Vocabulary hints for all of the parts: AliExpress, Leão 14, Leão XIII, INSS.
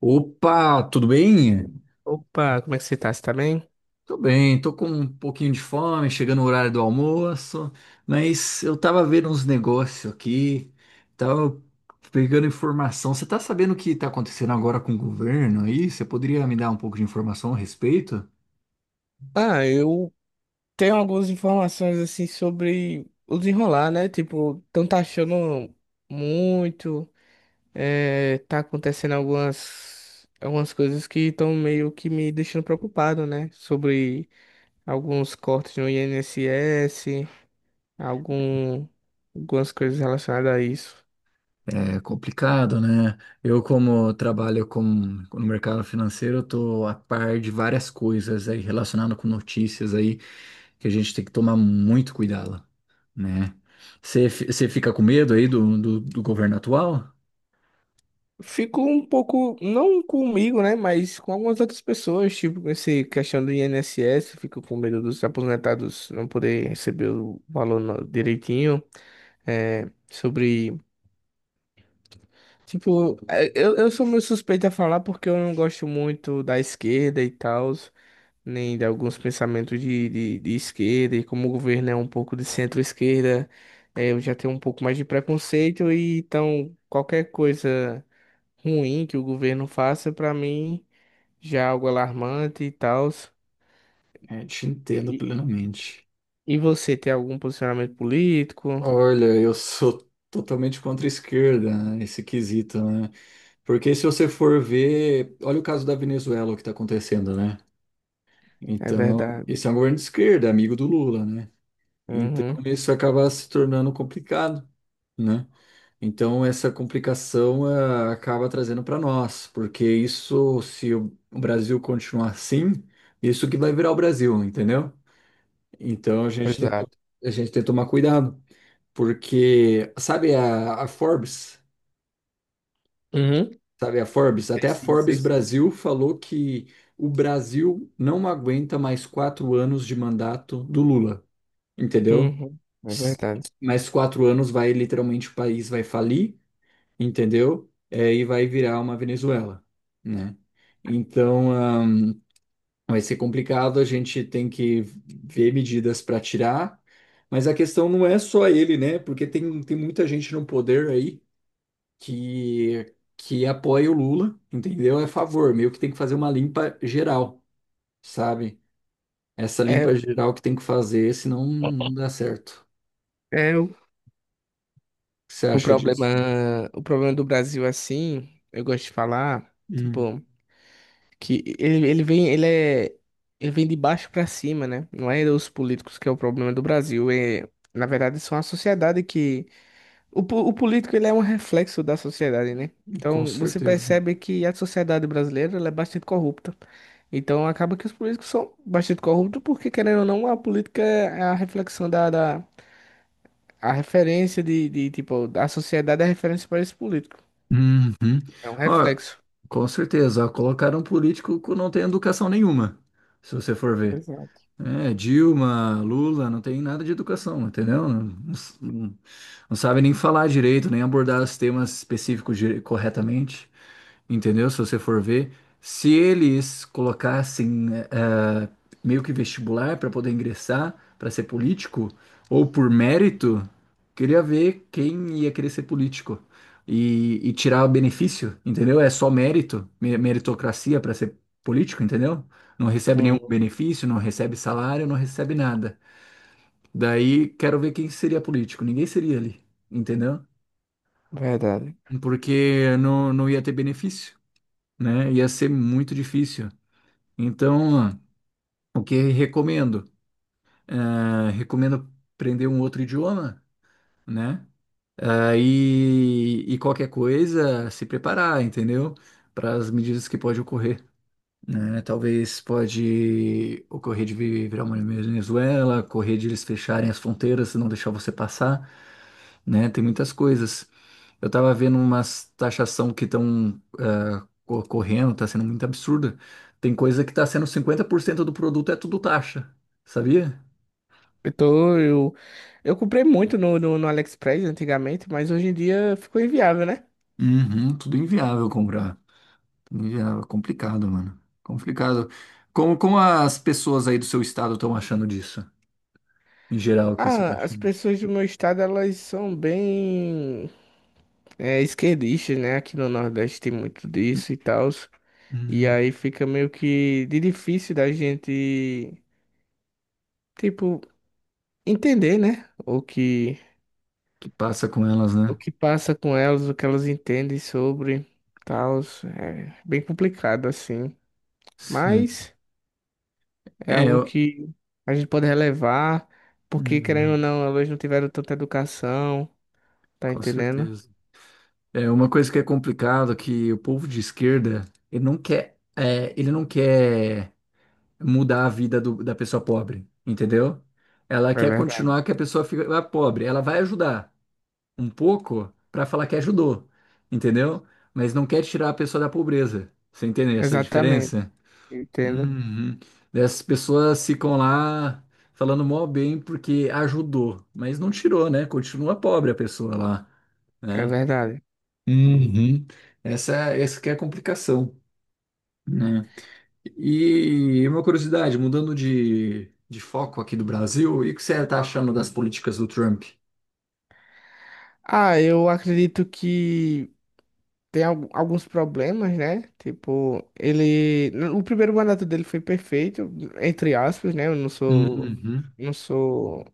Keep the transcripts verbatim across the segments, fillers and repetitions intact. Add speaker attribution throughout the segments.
Speaker 1: Opa, tudo bem?
Speaker 2: Opa, como é que você tá? Você tá bem?
Speaker 1: Tô bem, tô com um pouquinho de fome, chegando no horário do almoço, mas eu tava vendo uns negócios aqui, tava pegando informação. Você tá sabendo o que tá acontecendo agora com o governo aí? Você poderia me dar um pouco de informação a respeito?
Speaker 2: Ah, eu tenho algumas informações assim sobre o desenrolar, né? Tipo, estão taxando muito, é, tá acontecendo algumas, algumas coisas que estão meio que me deixando preocupado, né? Sobre alguns cortes no I N S S, algum, algumas coisas relacionadas a isso.
Speaker 1: É complicado, né? Eu, como trabalho com, no mercado financeiro, eu tô a par de várias coisas aí relacionadas com notícias aí, que a gente tem que tomar muito cuidado, né? Você fi- você fica com medo aí do, do, do governo atual?
Speaker 2: Fico um pouco, não comigo, né? Mas com algumas outras pessoas, tipo, com essa questão do I N S S, fico com medo dos aposentados não poder receber o valor no- direitinho. É, sobre, tipo, é, eu, eu sou meio suspeito a falar porque eu não gosto muito da esquerda e tal, nem de alguns pensamentos de, de, de esquerda, e como o governo é um pouco de centro-esquerda, é, eu já tenho um pouco mais de preconceito, e então qualquer coisa ruim que o governo faça, pra mim já é algo alarmante e tal.
Speaker 1: É, te
Speaker 2: E,
Speaker 1: entendo
Speaker 2: e
Speaker 1: plenamente.
Speaker 2: você tem algum posicionamento político?
Speaker 1: Olha, eu sou totalmente contra a esquerda, né, esse quesito, né? Porque se você for ver, olha o caso da Venezuela, o que está acontecendo, né?
Speaker 2: É
Speaker 1: Então,
Speaker 2: verdade.
Speaker 1: esse é um governo de esquerda, amigo do Lula, né? Então,
Speaker 2: Uhum.
Speaker 1: isso acaba se tornando complicado, né? Então, essa complicação eh, acaba trazendo para nós, porque isso, se o o Brasil continuar assim, isso que vai virar o Brasil, entendeu? Então, a gente tem que, to-
Speaker 2: Exato.
Speaker 1: a gente tem que tomar cuidado, porque, sabe a, a Forbes?
Speaker 2: Uhum.
Speaker 1: Sabe a Forbes?
Speaker 2: Sei
Speaker 1: Até a
Speaker 2: sim, sei
Speaker 1: Forbes
Speaker 2: sim.
Speaker 1: Brasil falou que o Brasil não aguenta mais quatro anos de mandato do Lula, entendeu?
Speaker 2: Uhum. É
Speaker 1: S-
Speaker 2: verdade.
Speaker 1: Mais quatro anos vai, literalmente, o país vai falir, entendeu? É, e vai virar uma Venezuela, né? Então, ahn, vai ser complicado, a gente tem que ver medidas para tirar, mas a questão não é só ele, né? Porque tem, tem muita gente no poder aí que, que apoia o Lula, entendeu? É a favor, meio que tem que fazer uma limpa geral, sabe? Essa limpa
Speaker 2: É,
Speaker 1: geral que tem que fazer, senão não dá certo.
Speaker 2: é o,
Speaker 1: O que você
Speaker 2: o
Speaker 1: acha disso?
Speaker 2: problema, o problema do Brasil é assim, eu gosto de falar,
Speaker 1: Hum,
Speaker 2: tipo, que ele, ele vem, ele é, ele vem de baixo pra cima, né? Não é os políticos que é o problema do Brasil, é, na verdade, são a sociedade que o, po- o político ele é um reflexo da sociedade, né?
Speaker 1: com
Speaker 2: Então você
Speaker 1: certeza.
Speaker 2: percebe que a sociedade brasileira ela é bastante corrupta. Então acaba que os políticos são bastante corruptos porque, querendo ou não, a política é a reflexão da, da a referência de, de tipo, a sociedade é a referência para esse político.
Speaker 1: Uhum.
Speaker 2: É um
Speaker 1: Ó,
Speaker 2: reflexo.
Speaker 1: com certeza, ó, colocaram um político que não tem educação nenhuma, se você for ver.
Speaker 2: Exato.
Speaker 1: É, Dilma, Lula, não tem nada de educação, entendeu? Não, não, não sabe nem falar direito, nem abordar os temas específicos dire- corretamente. Entendeu? Se você for ver, se eles colocassem eh, eh, meio que vestibular para poder ingressar, para ser político, ou por mérito, queria ver quem ia querer ser político e, e tirar o benefício, entendeu? É só mérito, me- meritocracia para ser político, entendeu? Não recebe nenhum
Speaker 2: Hum,
Speaker 1: benefício, não recebe salário, não recebe nada. Daí quero ver quem seria político. Ninguém seria ali, entendeu?
Speaker 2: verdade.
Speaker 1: Porque não, não ia ter benefício, né? Ia ser muito difícil. Então, o que recomendo? Eh, recomendo aprender um outro idioma, né? Ah, e, e qualquer coisa, se preparar, entendeu? Para as medidas que pode ocorrer, né? Talvez pode ocorrer de vi- virar uma Venezuela, ocorrer de eles fecharem as fronteiras, não deixar você passar, né? Tem muitas coisas. Eu tava vendo umas taxação que estão correndo, tá sendo muito absurda. Tem coisa que tá sendo cinquenta por cento do produto é tudo taxa, sabia?
Speaker 2: Eu, tô- eu, eu comprei muito no, no, no AliExpress antigamente, mas hoje em dia ficou inviável, né?
Speaker 1: Uhum, tudo inviável comprar. Tudo inviável, complicado, mano. Complicado. Como, como as pessoas aí do seu estado estão achando disso? Em geral, o que você tá
Speaker 2: Ah, as
Speaker 1: achando?
Speaker 2: pessoas do meu estado, elas são bem. É esquerdista, né? Aqui no Nordeste tem muito disso e tal. E
Speaker 1: Hum,
Speaker 2: aí fica meio que de difícil da gente, tipo, entender, né? O que,
Speaker 1: que passa com elas,
Speaker 2: o
Speaker 1: né?
Speaker 2: que passa com elas, o que elas entendem sobre tal. É bem complicado, assim.
Speaker 1: Sim.
Speaker 2: Mas é
Speaker 1: É,
Speaker 2: algo
Speaker 1: eu...
Speaker 2: que a gente pode relevar, porque, querendo ou
Speaker 1: Uhum,
Speaker 2: não, elas não tiveram tanta educação, tá
Speaker 1: com
Speaker 2: entendendo?
Speaker 1: certeza. É uma coisa que é complicado que o povo de esquerda, ele não quer, é, ele não quer mudar a vida do- da pessoa pobre, entendeu? Ela
Speaker 2: É
Speaker 1: quer
Speaker 2: verdade.
Speaker 1: continuar que a pessoa fica pobre. Ela vai ajudar um pouco para falar que ajudou, entendeu? Mas não quer tirar a pessoa da pobreza. Você entende essa
Speaker 2: Exatamente,
Speaker 1: diferença?
Speaker 2: entendo.
Speaker 1: Uhum. Essas pessoas ficam lá falando mó bem porque ajudou, mas não tirou, né? Continua pobre a pessoa lá,
Speaker 2: É
Speaker 1: né?
Speaker 2: verdade.
Speaker 1: Uhum. Essa, é, essa que é a complicação, né? E uma curiosidade, mudando de, de foco aqui do Brasil, e o que você está achando das políticas do Trump?
Speaker 2: Ah, eu acredito que tem al- alguns problemas, né? Tipo, ele. O primeiro mandato dele foi perfeito, entre aspas, né? Eu não sou.
Speaker 1: Uhum.
Speaker 2: Não sou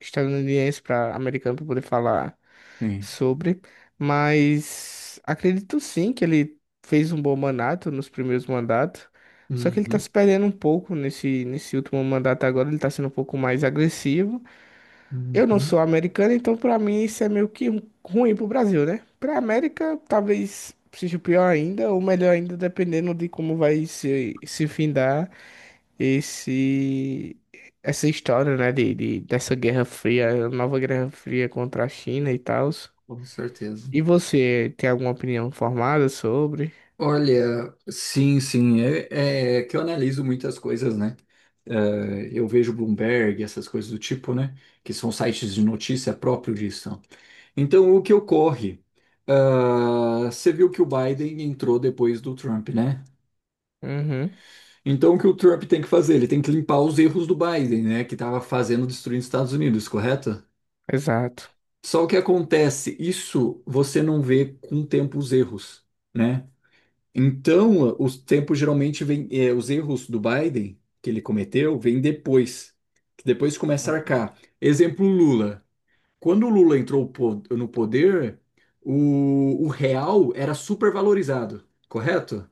Speaker 2: estadunidense para americano para poder falar
Speaker 1: Sim.
Speaker 2: sobre. Mas acredito sim que ele fez um bom mandato nos primeiros mandatos. Só que ele tá se
Speaker 1: Uhum.
Speaker 2: perdendo um pouco nesse, nesse último mandato agora, ele tá sendo um pouco mais agressivo. Eu não
Speaker 1: Uhum.
Speaker 2: sou americano, então pra mim isso é meio que um- ruim pro Brasil, né? Pra América talvez seja pior ainda, ou melhor ainda, dependendo de como vai se, se findar esse, essa história, né? De, de- dessa Guerra Fria, nova Guerra Fria contra a China e tal.
Speaker 1: Com certeza.
Speaker 2: E você tem alguma opinião formada sobre?
Speaker 1: Olha, sim, sim, é, é que eu analiso muitas coisas, né? Eh, eu vejo Bloomberg, essas coisas do tipo, né? Que são sites de notícia próprios disso. Então, o que ocorre? Ah, você viu que o Biden entrou depois do Trump, né?
Speaker 2: Uhum,
Speaker 1: Então, o que o Trump tem que fazer? Ele tem que limpar os erros do Biden, né? Que estava fazendo destruir os Estados Unidos, correto?
Speaker 2: exato.
Speaker 1: Só o que acontece, isso você não vê com o tempo os erros, né? Então, os tempos geralmente vêm, eh, os erros do Biden que ele cometeu vêm depois, que depois começa a arcar. Exemplo, Lula. Quando o Lula entrou po- no poder, o, o real era super valorizado, correto?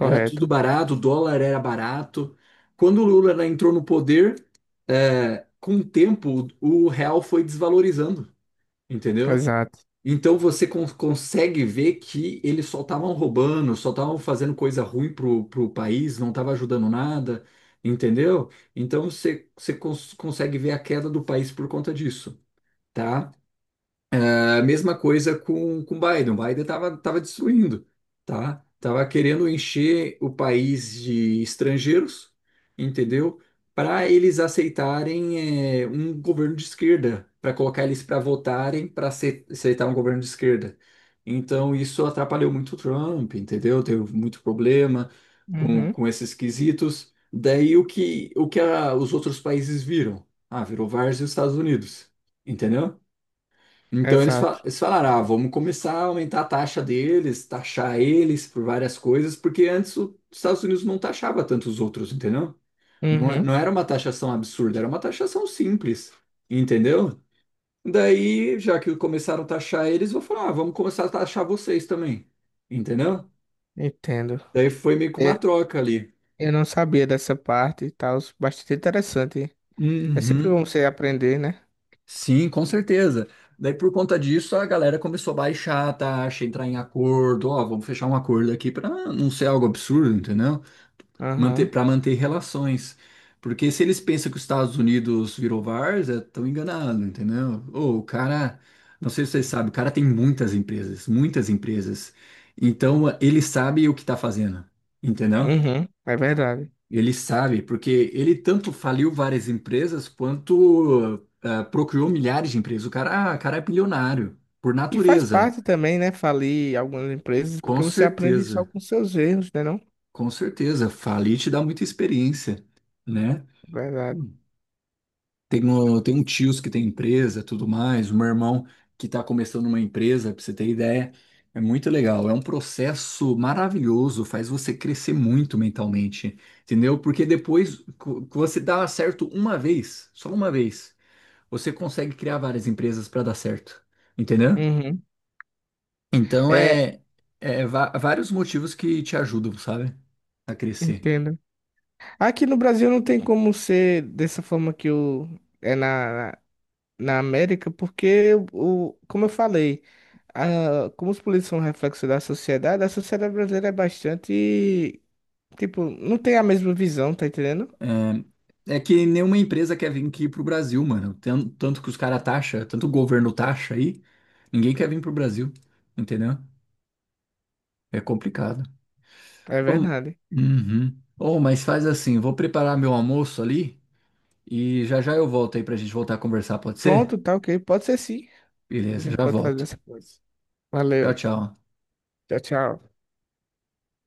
Speaker 1: Era tudo barato, o dólar era barato. Quando o Lula entrou no poder, é, com o tempo, o real foi desvalorizando, entendeu?
Speaker 2: Exato.
Speaker 1: Então você con- consegue ver que eles só estavam roubando, só estavam fazendo coisa ruim pro, pro país, não estava ajudando nada, entendeu? Então você, você cons- consegue ver a queda do país por conta disso, tá? É a mesma coisa com com Biden. O Biden estava tava destruindo, tá? Tava querendo encher o país de estrangeiros, entendeu? Para eles aceitarem é, um governo de esquerda, para colocar eles para votarem para aceitar um governo de esquerda. Então isso atrapalhou muito o Trump, entendeu? Teve muito problema com,
Speaker 2: Uhum,
Speaker 1: com esses quesitos. Daí o que o que a- os outros países viram? Ah, virou várzea os Estados Unidos, entendeu? Então eles,
Speaker 2: exato.
Speaker 1: fa- eles falaram, ah, vamos começar a aumentar a taxa deles, taxar eles por várias coisas, porque antes o- os Estados Unidos não taxava tanto os outros, entendeu? Não, é-
Speaker 2: Uhum,
Speaker 1: não era uma taxação absurda, era uma taxação simples, entendeu? Daí, já que começaram a taxar eles, vou falar, ah, vamos começar a taxar vocês também, entendeu?
Speaker 2: entendo.
Speaker 1: Daí foi meio que uma troca ali.
Speaker 2: Eu não sabia dessa parte e tal, bastante interessante. É sempre
Speaker 1: Uhum.
Speaker 2: bom você aprender, né?
Speaker 1: Sim, com certeza. Daí, por conta disso, a galera começou a baixar a taxa, entrar em acordo. Ó, vamos fechar um acordo aqui para não ser algo absurdo, entendeu? Manter,
Speaker 2: Aham.
Speaker 1: para manter relações. Porque se eles pensam que os Estados Unidos virou várzea, estão enganados, entendeu? Ô, o cara, não sei se vocês sabem, o cara tem muitas empresas, muitas empresas. Então, ele sabe o que está fazendo, entendeu?
Speaker 2: Uhum, é verdade.
Speaker 1: Ele sabe, porque ele tanto faliu várias empresas quanto ah, procriou milhares de empresas. O cara, ah, cara é bilionário, por
Speaker 2: E faz
Speaker 1: natureza.
Speaker 2: parte também, né, falir algumas empresas,
Speaker 1: Com
Speaker 2: porque você aprende só
Speaker 1: certeza,
Speaker 2: com seus erros, né, não?
Speaker 1: com certeza. Falir te dá muita experiência, né?
Speaker 2: Verdade.
Speaker 1: Tem um, tem um tios que tem empresa, tudo mais, um irmão que está começando uma empresa, para você ter ideia. É muito legal, é um processo maravilhoso, faz você crescer muito mentalmente, entendeu? Porque depois co- você dá certo uma vez, só uma vez, você consegue criar várias empresas para dar certo, entendeu?
Speaker 2: Uhum.
Speaker 1: Então
Speaker 2: É,
Speaker 1: é, é va- vários motivos que te ajudam, sabe? A crescer.
Speaker 2: entendo. Aqui no Brasil não tem como ser dessa forma que o é na, na América, porque o, como eu falei, a, como os políticos são reflexo da sociedade, a sociedade brasileira é bastante tipo, não tem a mesma visão, tá entendendo?
Speaker 1: É, é que nenhuma empresa quer vir aqui pro Brasil, mano. Tan- Tanto que os caras taxa, tanto o governo taxa aí, ninguém quer vir pro Brasil, entendeu? É complicado.
Speaker 2: É
Speaker 1: Ô,
Speaker 2: verdade.
Speaker 1: uhum. Ô, mas faz assim, vou preparar meu almoço ali e já já eu volto aí pra gente voltar a conversar, pode ser?
Speaker 2: Pronto, tá ok. Pode ser sim. A
Speaker 1: Beleza,
Speaker 2: gente
Speaker 1: já
Speaker 2: pode fazer
Speaker 1: volto.
Speaker 2: essa coisa.
Speaker 1: Tchau,
Speaker 2: Valeu.
Speaker 1: tchau.
Speaker 2: Tchau, tchau.